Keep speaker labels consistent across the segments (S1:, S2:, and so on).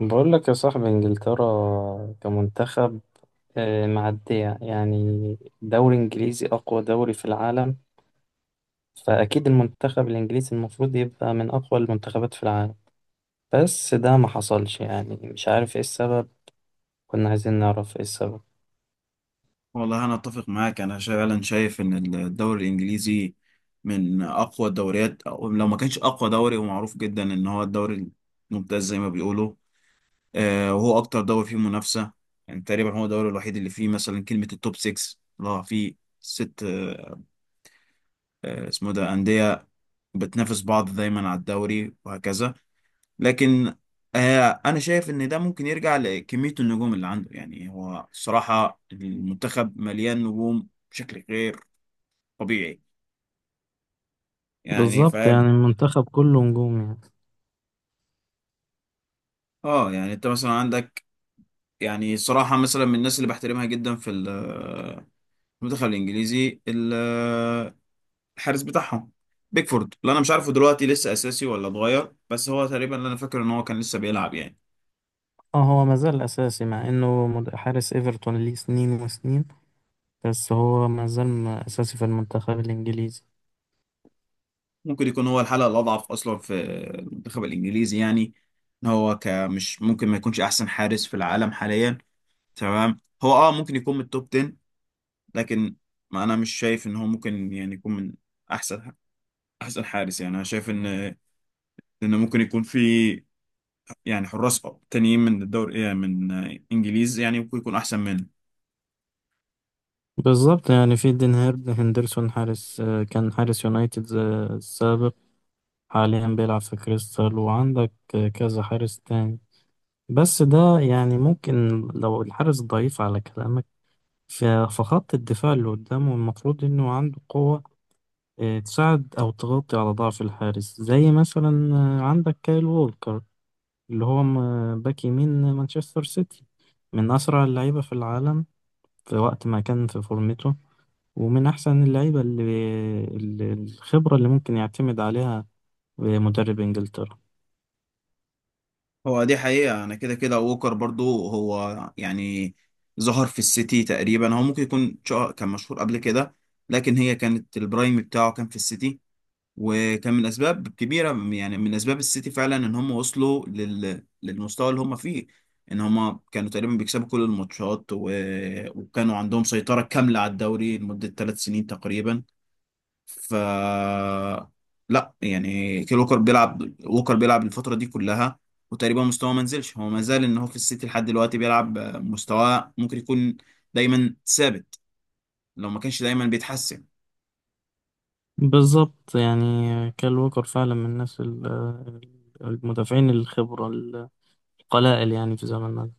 S1: بقول لك يا صاحبي انجلترا كمنتخب معدية، يعني دوري انجليزي اقوى دوري في العالم. فاكيد المنتخب الانجليزي المفروض يبقى من اقوى المنتخبات في العالم. بس ده ما حصلش، يعني مش عارف ايه السبب. كنا عايزين نعرف ايه السبب.
S2: والله أنا أتفق معاك. أنا فعلا شايف إن الدوري الإنجليزي من أقوى الدوريات، أو لو ما كانش أقوى دوري، هو معروف جدا إن هو الدوري الممتاز زي ما بيقولوا. وهو أكتر دوري فيه منافسة. يعني تقريبا هو الدوري الوحيد اللي فيه مثلا كلمة التوب 6، اللي هو فيه ست اسمه ده أندية بتنافس بعض دايما على الدوري وهكذا. لكن انا شايف ان ده ممكن يرجع لكمية النجوم اللي عنده. يعني هو الصراحة المنتخب مليان نجوم بشكل غير طبيعي، يعني
S1: بالظبط، يعني
S2: فاهم.
S1: المنتخب كله نجوم يعني.
S2: اه يعني انت مثلا عندك، يعني صراحة مثلا من الناس اللي بحترمها جدا في المنتخب الانجليزي، الحارس بتاعهم بيكفورد، اللي انا مش عارفه دلوقتي لسه اساسي ولا اتغير، بس هو تقريبا اللي انا فاكر ان هو كان لسه بيلعب يعني.
S1: اه، هو ما زال اساسي مع انه حارس ايفرتون ليه سنين وسنين. بس هو ما زال اساسي في المنتخب الانجليزي.
S2: ممكن يكون هو الحلقة الاضعف اصلا في المنتخب الانجليزي، يعني ان هو كمش ممكن ما يكونش احسن حارس في العالم حاليا. تمام هو ممكن يكون من التوب 10، لكن ما انا مش شايف ان هو ممكن يعني يكون من احسن احسن حارس. يعني انا شايف ان ممكن يكون في يعني حراس تانيين من الدوري من انجليز يعني ممكن يكون احسن منه.
S1: بالظبط، يعني في دين هيرد هندرسون حارس، كان حارس يونايتد السابق. حاليا بيلعب في كريستال، وعندك كذا حارس تاني. بس ده يعني ممكن، لو الحارس ضعيف على كلامك، فخط الدفاع اللي قدامه المفروض انه عنده قوة تساعد او تغطي على ضعف الحارس، زي مثلا عندك كايل وولكر اللي هو باك يمين مانشستر سيتي، من اسرع اللعيبة في العالم في وقت ما كان في فورمته. ومن أحسن اللعيبة اللي الخبرة اللي ممكن يعتمد عليها مدرب إنجلترا.
S2: هو دي حقيقة. انا كده كده ووكر برضو هو يعني ظهر في السيتي تقريبا، هو ممكن يكون كان مشهور قبل كده. لكن هي كانت البرايم بتاعه كان في السيتي، وكان من اسباب كبيره، يعني من اسباب السيتي فعلا ان هم وصلوا للمستوى اللي هم فيه، ان هم كانوا تقريبا بيكسبوا كل الماتشات وكانوا عندهم سيطره كامله على الدوري لمده ثلاث سنين تقريبا. ف لا يعني كيل ووكر بيلعب الفتره دي كلها، وتقريبا مستواه ما نزلش. هو ما زال ان هو في السيتي لحد دلوقتي بيلعب، مستواه ممكن يكون دايما ثابت لو ما كانش دايما بيتحسن.
S1: بالظبط، يعني كال ووكر فعلا من الناس، المدافعين الخبرة القلائل يعني في زماننا ده.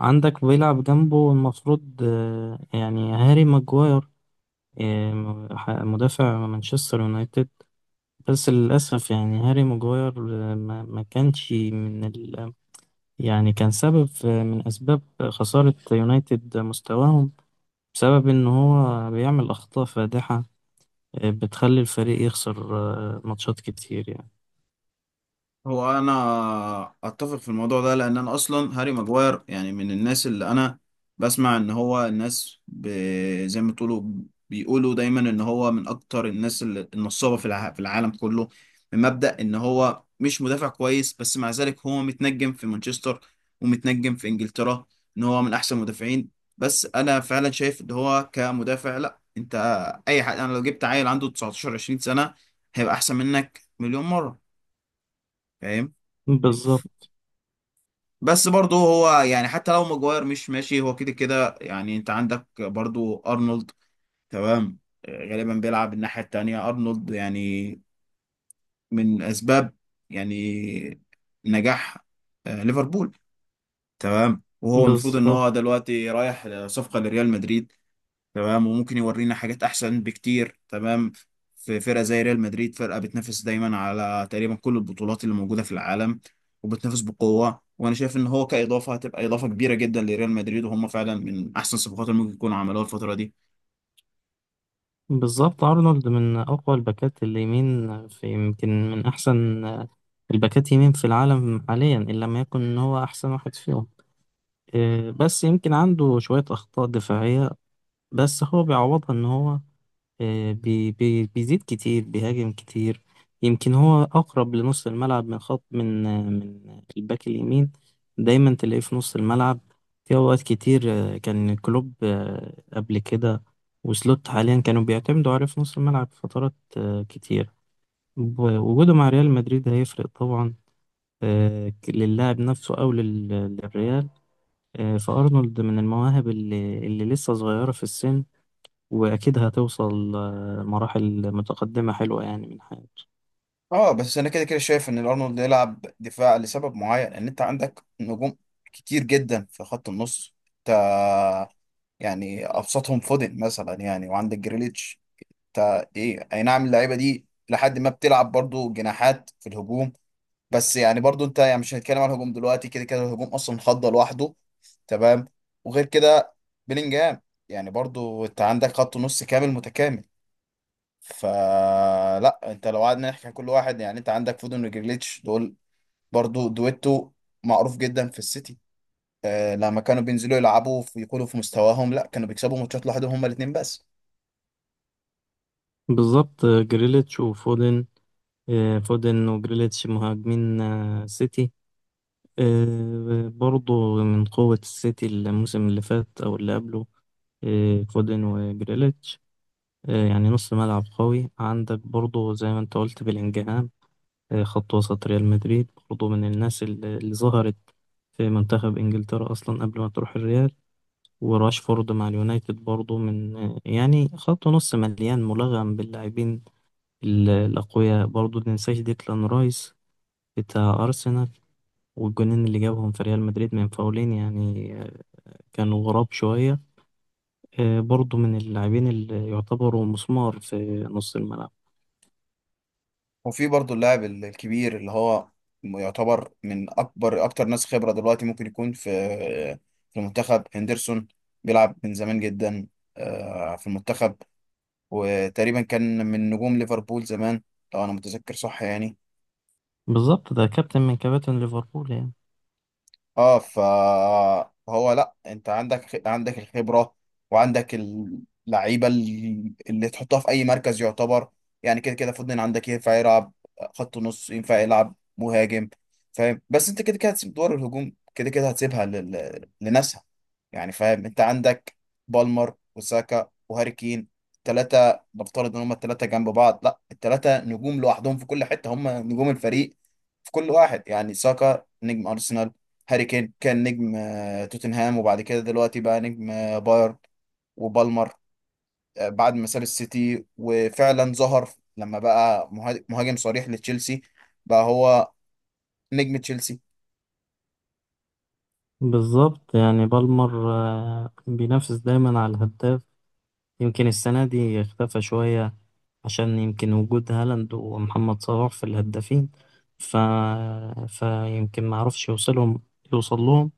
S1: عندك بيلعب جنبه المفروض يعني هاري ماجواير، مدافع مانشستر يونايتد. بس للأسف يعني هاري ماجواير ما كانش من ال، يعني كان سبب من أسباب خسارة يونايتد مستواهم، بسبب إن هو بيعمل أخطاء فادحة بتخلي الفريق يخسر ماتشات كتير يعني.
S2: هو انا اتفق في الموضوع ده، لان انا اصلا هاري ماجواير يعني من الناس اللي انا بسمع ان هو الناس زي ما تقولوا بيقولوا دايما ان هو من اكتر الناس النصابه في في العالم كله، من مبدأ ان هو مش مدافع كويس. بس مع ذلك هو متنجم في مانشستر ومتنجم في انجلترا ان هو من احسن المدافعين. بس انا فعلا شايف ان هو كمدافع لا. انت اي حد، انا لو جبت عيل عنده 19 20 سنه هيبقى احسن منك مليون مره، فاهم.
S1: بالظبط،
S2: بس برضه هو يعني حتى لو ماجواير مش ماشي، هو كده كده يعني انت عندك برضه ارنولد. تمام، غالبا بيلعب الناحية التانية ارنولد، يعني من اسباب يعني نجاح ليفربول. تمام وهو المفروض ان
S1: بالظبط،
S2: هو دلوقتي رايح صفقة لريال مدريد. تمام، وممكن يورينا حاجات احسن بكتير. تمام، في فرقه زي ريال مدريد فرقه بتنافس دايما على تقريبا كل البطولات اللي موجوده في العالم، وبتنافس بقوه، وانا شايف ان هو كاضافه هتبقى اضافه كبيره جدا لريال مدريد، وهم فعلا من احسن الصفقات اللي ممكن يكونوا عملوها الفتره دي.
S1: بالظبط. أرنولد من أقوى الباكات اليمين، في يمكن من أحسن الباكات يمين في العالم حاليا، إن لم يكن إن هو أحسن واحد فيهم. بس يمكن عنده شوية أخطاء دفاعية، بس هو بيعوضها إن هو آه، بي بي بيزيد كتير، بيهاجم كتير. يمكن هو أقرب لنص الملعب من خط، من من الباك اليمين. دايما تلاقيه في نص الملعب في أوقات كتير. كان كلوب قبل كده، وسلوت حاليا كانوا بيعتمدوا عليه في نص الملعب في فترات كتير. وجوده مع ريال مدريد هيفرق طبعا للاعب نفسه أو للريال. فأرنولد من المواهب اللي لسه صغيرة في السن، وأكيد هتوصل مراحل متقدمة حلوة يعني من حياته.
S2: اه بس انا كده كده شايف ان الارنولد يلعب دفاع لسبب معين، ان انت عندك نجوم كتير جدا في خط النص. انت يعني ابسطهم فودن مثلا يعني، وعندك جريليتش. انت اي نعم، اللعيبه دي لحد ما بتلعب برضو جناحات في الهجوم. بس يعني برضو انت يعني مش هنتكلم عن الهجوم دلوقتي، كده كده الهجوم اصلا خضه لوحده تمام. وغير كده بلينجهام، يعني برضو انت عندك خط نص كامل متكامل. فلا انت لو قعدنا نحكي عن كل واحد، يعني انت عندك فودن وجريليتش، دول برضو دويتو معروف جدا في السيتي. لما كانوا بينزلوا يلعبوا يكونوا في مستواهم، لا كانوا بيكسبوا ماتشات لوحدهم هما الاثنين بس.
S1: بالظبط. جريليتش وفودن، فودن وجريليتش مهاجمين سيتي، برضو من قوة السيتي الموسم اللي فات أو اللي قبله. فودن وجريليتش يعني نص ملعب قوي. عندك برضو زي ما انت قلت بلينجهام، خط وسط ريال مدريد برضو من الناس اللي ظهرت في منتخب إنجلترا أصلا قبل ما تروح الريال. وراشفورد مع اليونايتد برضو من، يعني خط نص مليان ملغم باللاعبين الأقوياء. برضو متنساش ديكلان رايس بتاع أرسنال، والجونين اللي جابهم في ريال مدريد من فاولين، يعني كانوا غراب شوية. برضو من اللاعبين اللي يعتبروا مسمار في نص الملعب.
S2: وفي برضه اللاعب الكبير اللي هو يعتبر من اكبر اكتر ناس خبرة دلوقتي، ممكن يكون في المنتخب، هندرسون. بيلعب من زمان جدا في المنتخب، وتقريبا كان من نجوم ليفربول زمان لو انا متذكر صح يعني.
S1: بالظبط، ده كابتن من كباتن ليفربول يعني.
S2: اه ف- فهو لا، انت عندك الخبره وعندك اللعيبه اللي تحطها في اي مركز يعتبر، يعني كده كده فودن عندك ينفع يلعب خط نص ينفع يلعب مهاجم فاهم. بس انت كده كده هتسيب دور الهجوم، كده كده هتسيبها لناسها يعني فاهم. انت عندك بالمر وساكا وهاري كين الثلاثه، نفترض ان هم الثلاثه جنب بعض لا، الثلاثه نجوم لوحدهم في كل حته، هم نجوم الفريق في كل واحد. يعني ساكا نجم ارسنال، هاري كين كان نجم توتنهام، وبعد كده دلوقتي بقى نجم بايرن. وبالمر بعد ما ساب السيتي وفعلا ظهر لما بقى مهاجم صريح لتشيلسي، بقى هو نجم تشيلسي.
S1: بالظبط، يعني بالمر بينافس دايما على الهداف. يمكن السنة دي اختفى شوية، عشان يمكن وجود هالاند ومحمد صلاح في الهدافين، ف... فيمكن معرفش يوصل لهم.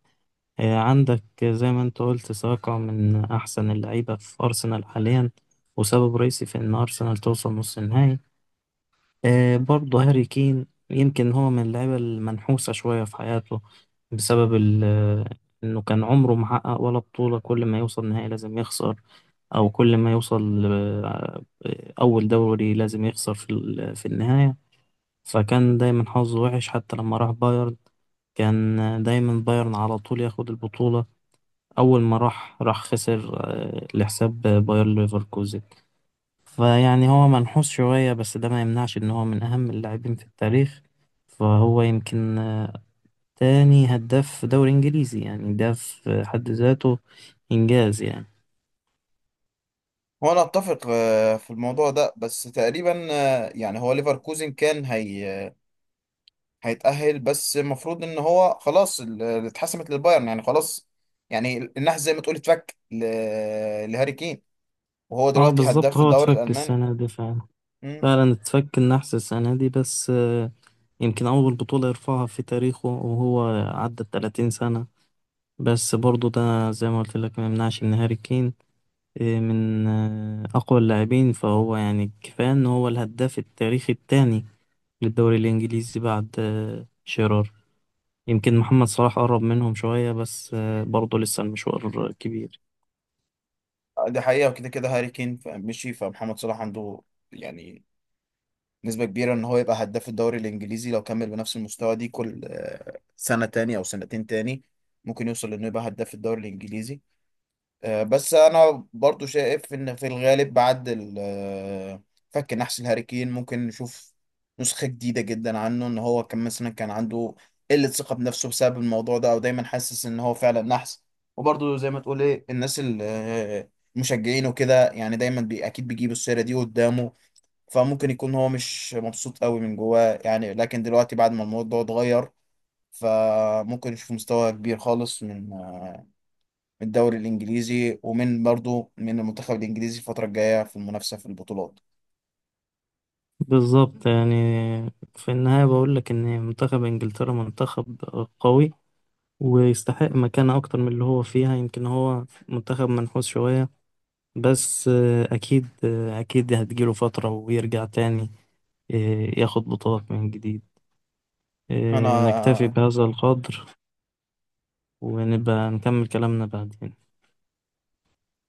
S1: عندك زي ما انت قلت ساكا من أحسن اللعيبة في أرسنال حاليا، وسبب رئيسي في إن أرسنال توصل نص النهائي. برضه هاري كين يمكن هو من اللعيبة المنحوسة شوية في حياته، بسبب ال... آه، إنه كان عمره محقق ولا بطولة. كل ما يوصل نهائي لازم يخسر، او كل ما يوصل اول دوري لازم يخسر في في النهاية. فكان دايما حظه وحش، حتى لما راح بايرن كان دايما بايرن على طول ياخد البطولة. أول ما راح خسر لحساب باير ليفركوزن. فيعني هو منحوس شوية، بس ده ما يمنعش إن هو من أهم اللاعبين في التاريخ. فهو يمكن تاني هداف دوري إنجليزي، يعني ده في حد ذاته إنجاز يعني.
S2: هو انا اتفق في الموضوع ده، بس تقريبا يعني هو ليفركوزن كان هيتأهل، بس المفروض ان هو خلاص اللي اتحسمت للبايرن يعني خلاص. يعني النحس زي ما تقول اتفك لهاري كين، وهو
S1: اه
S2: دلوقتي هداف
S1: بالظبط،
S2: في
S1: هو
S2: الدوري
S1: اتفك
S2: الألماني.
S1: السنة دي فعلا، فعلا اتفك النحس السنة دي. بس يمكن أول بطولة يرفعها في تاريخه، وهو عدى الـ30 سنة. بس برضو ده زي ما قلت لك ما يمنعش إن هاري كين من أقوى اللاعبين، فهو يعني كفاية إن هو الهداف التاريخي التاني للدوري الإنجليزي بعد شيرار. يمكن محمد صلاح قرب منهم شوية، بس برضه لسه المشوار كبير.
S2: دي حقيقة. وكده كده هاري كين مشي، فمحمد صلاح عنده يعني نسبة كبيرة ان هو يبقى هداف الدوري الانجليزي. لو كمل بنفس المستوى دي كل سنة تاني او سنتين تاني، ممكن يوصل انه يبقى هداف الدوري الانجليزي. بس انا برضو شايف ان في الغالب بعد فك نحس الهاريكين، ممكن نشوف نسخة جديدة جدا عنه. ان هو كان مثلا كان عنده قلة ثقة بنفسه بسبب الموضوع ده، او دايما حاسس ان هو فعلا نحس، وبرضو زي ما تقول الناس المشجعين وكده يعني دايما اكيد بيجيبوا السيرة دي قدامه. فممكن يكون هو مش مبسوط قوي من جواه يعني. لكن دلوقتي بعد ما الموضوع اتغير، فممكن نشوف مستوى كبير خالص من الدوري الانجليزي ومن برضو من المنتخب الانجليزي الفتره الجايه في المنافسه في البطولات.
S1: بالظبط، يعني في النهاية بقول لك إن منتخب إنجلترا منتخب قوي، ويستحق مكانة أكتر من اللي هو فيها. يمكن هو منتخب منحوس شوية، بس أكيد، أكيد هتجيله فترة ويرجع تاني آه، ياخد بطولات من جديد. نكتفي
S2: انا
S1: بهذا القدر، ونبقى نكمل كلامنا بعدين.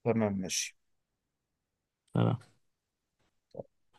S2: تمام ماشي.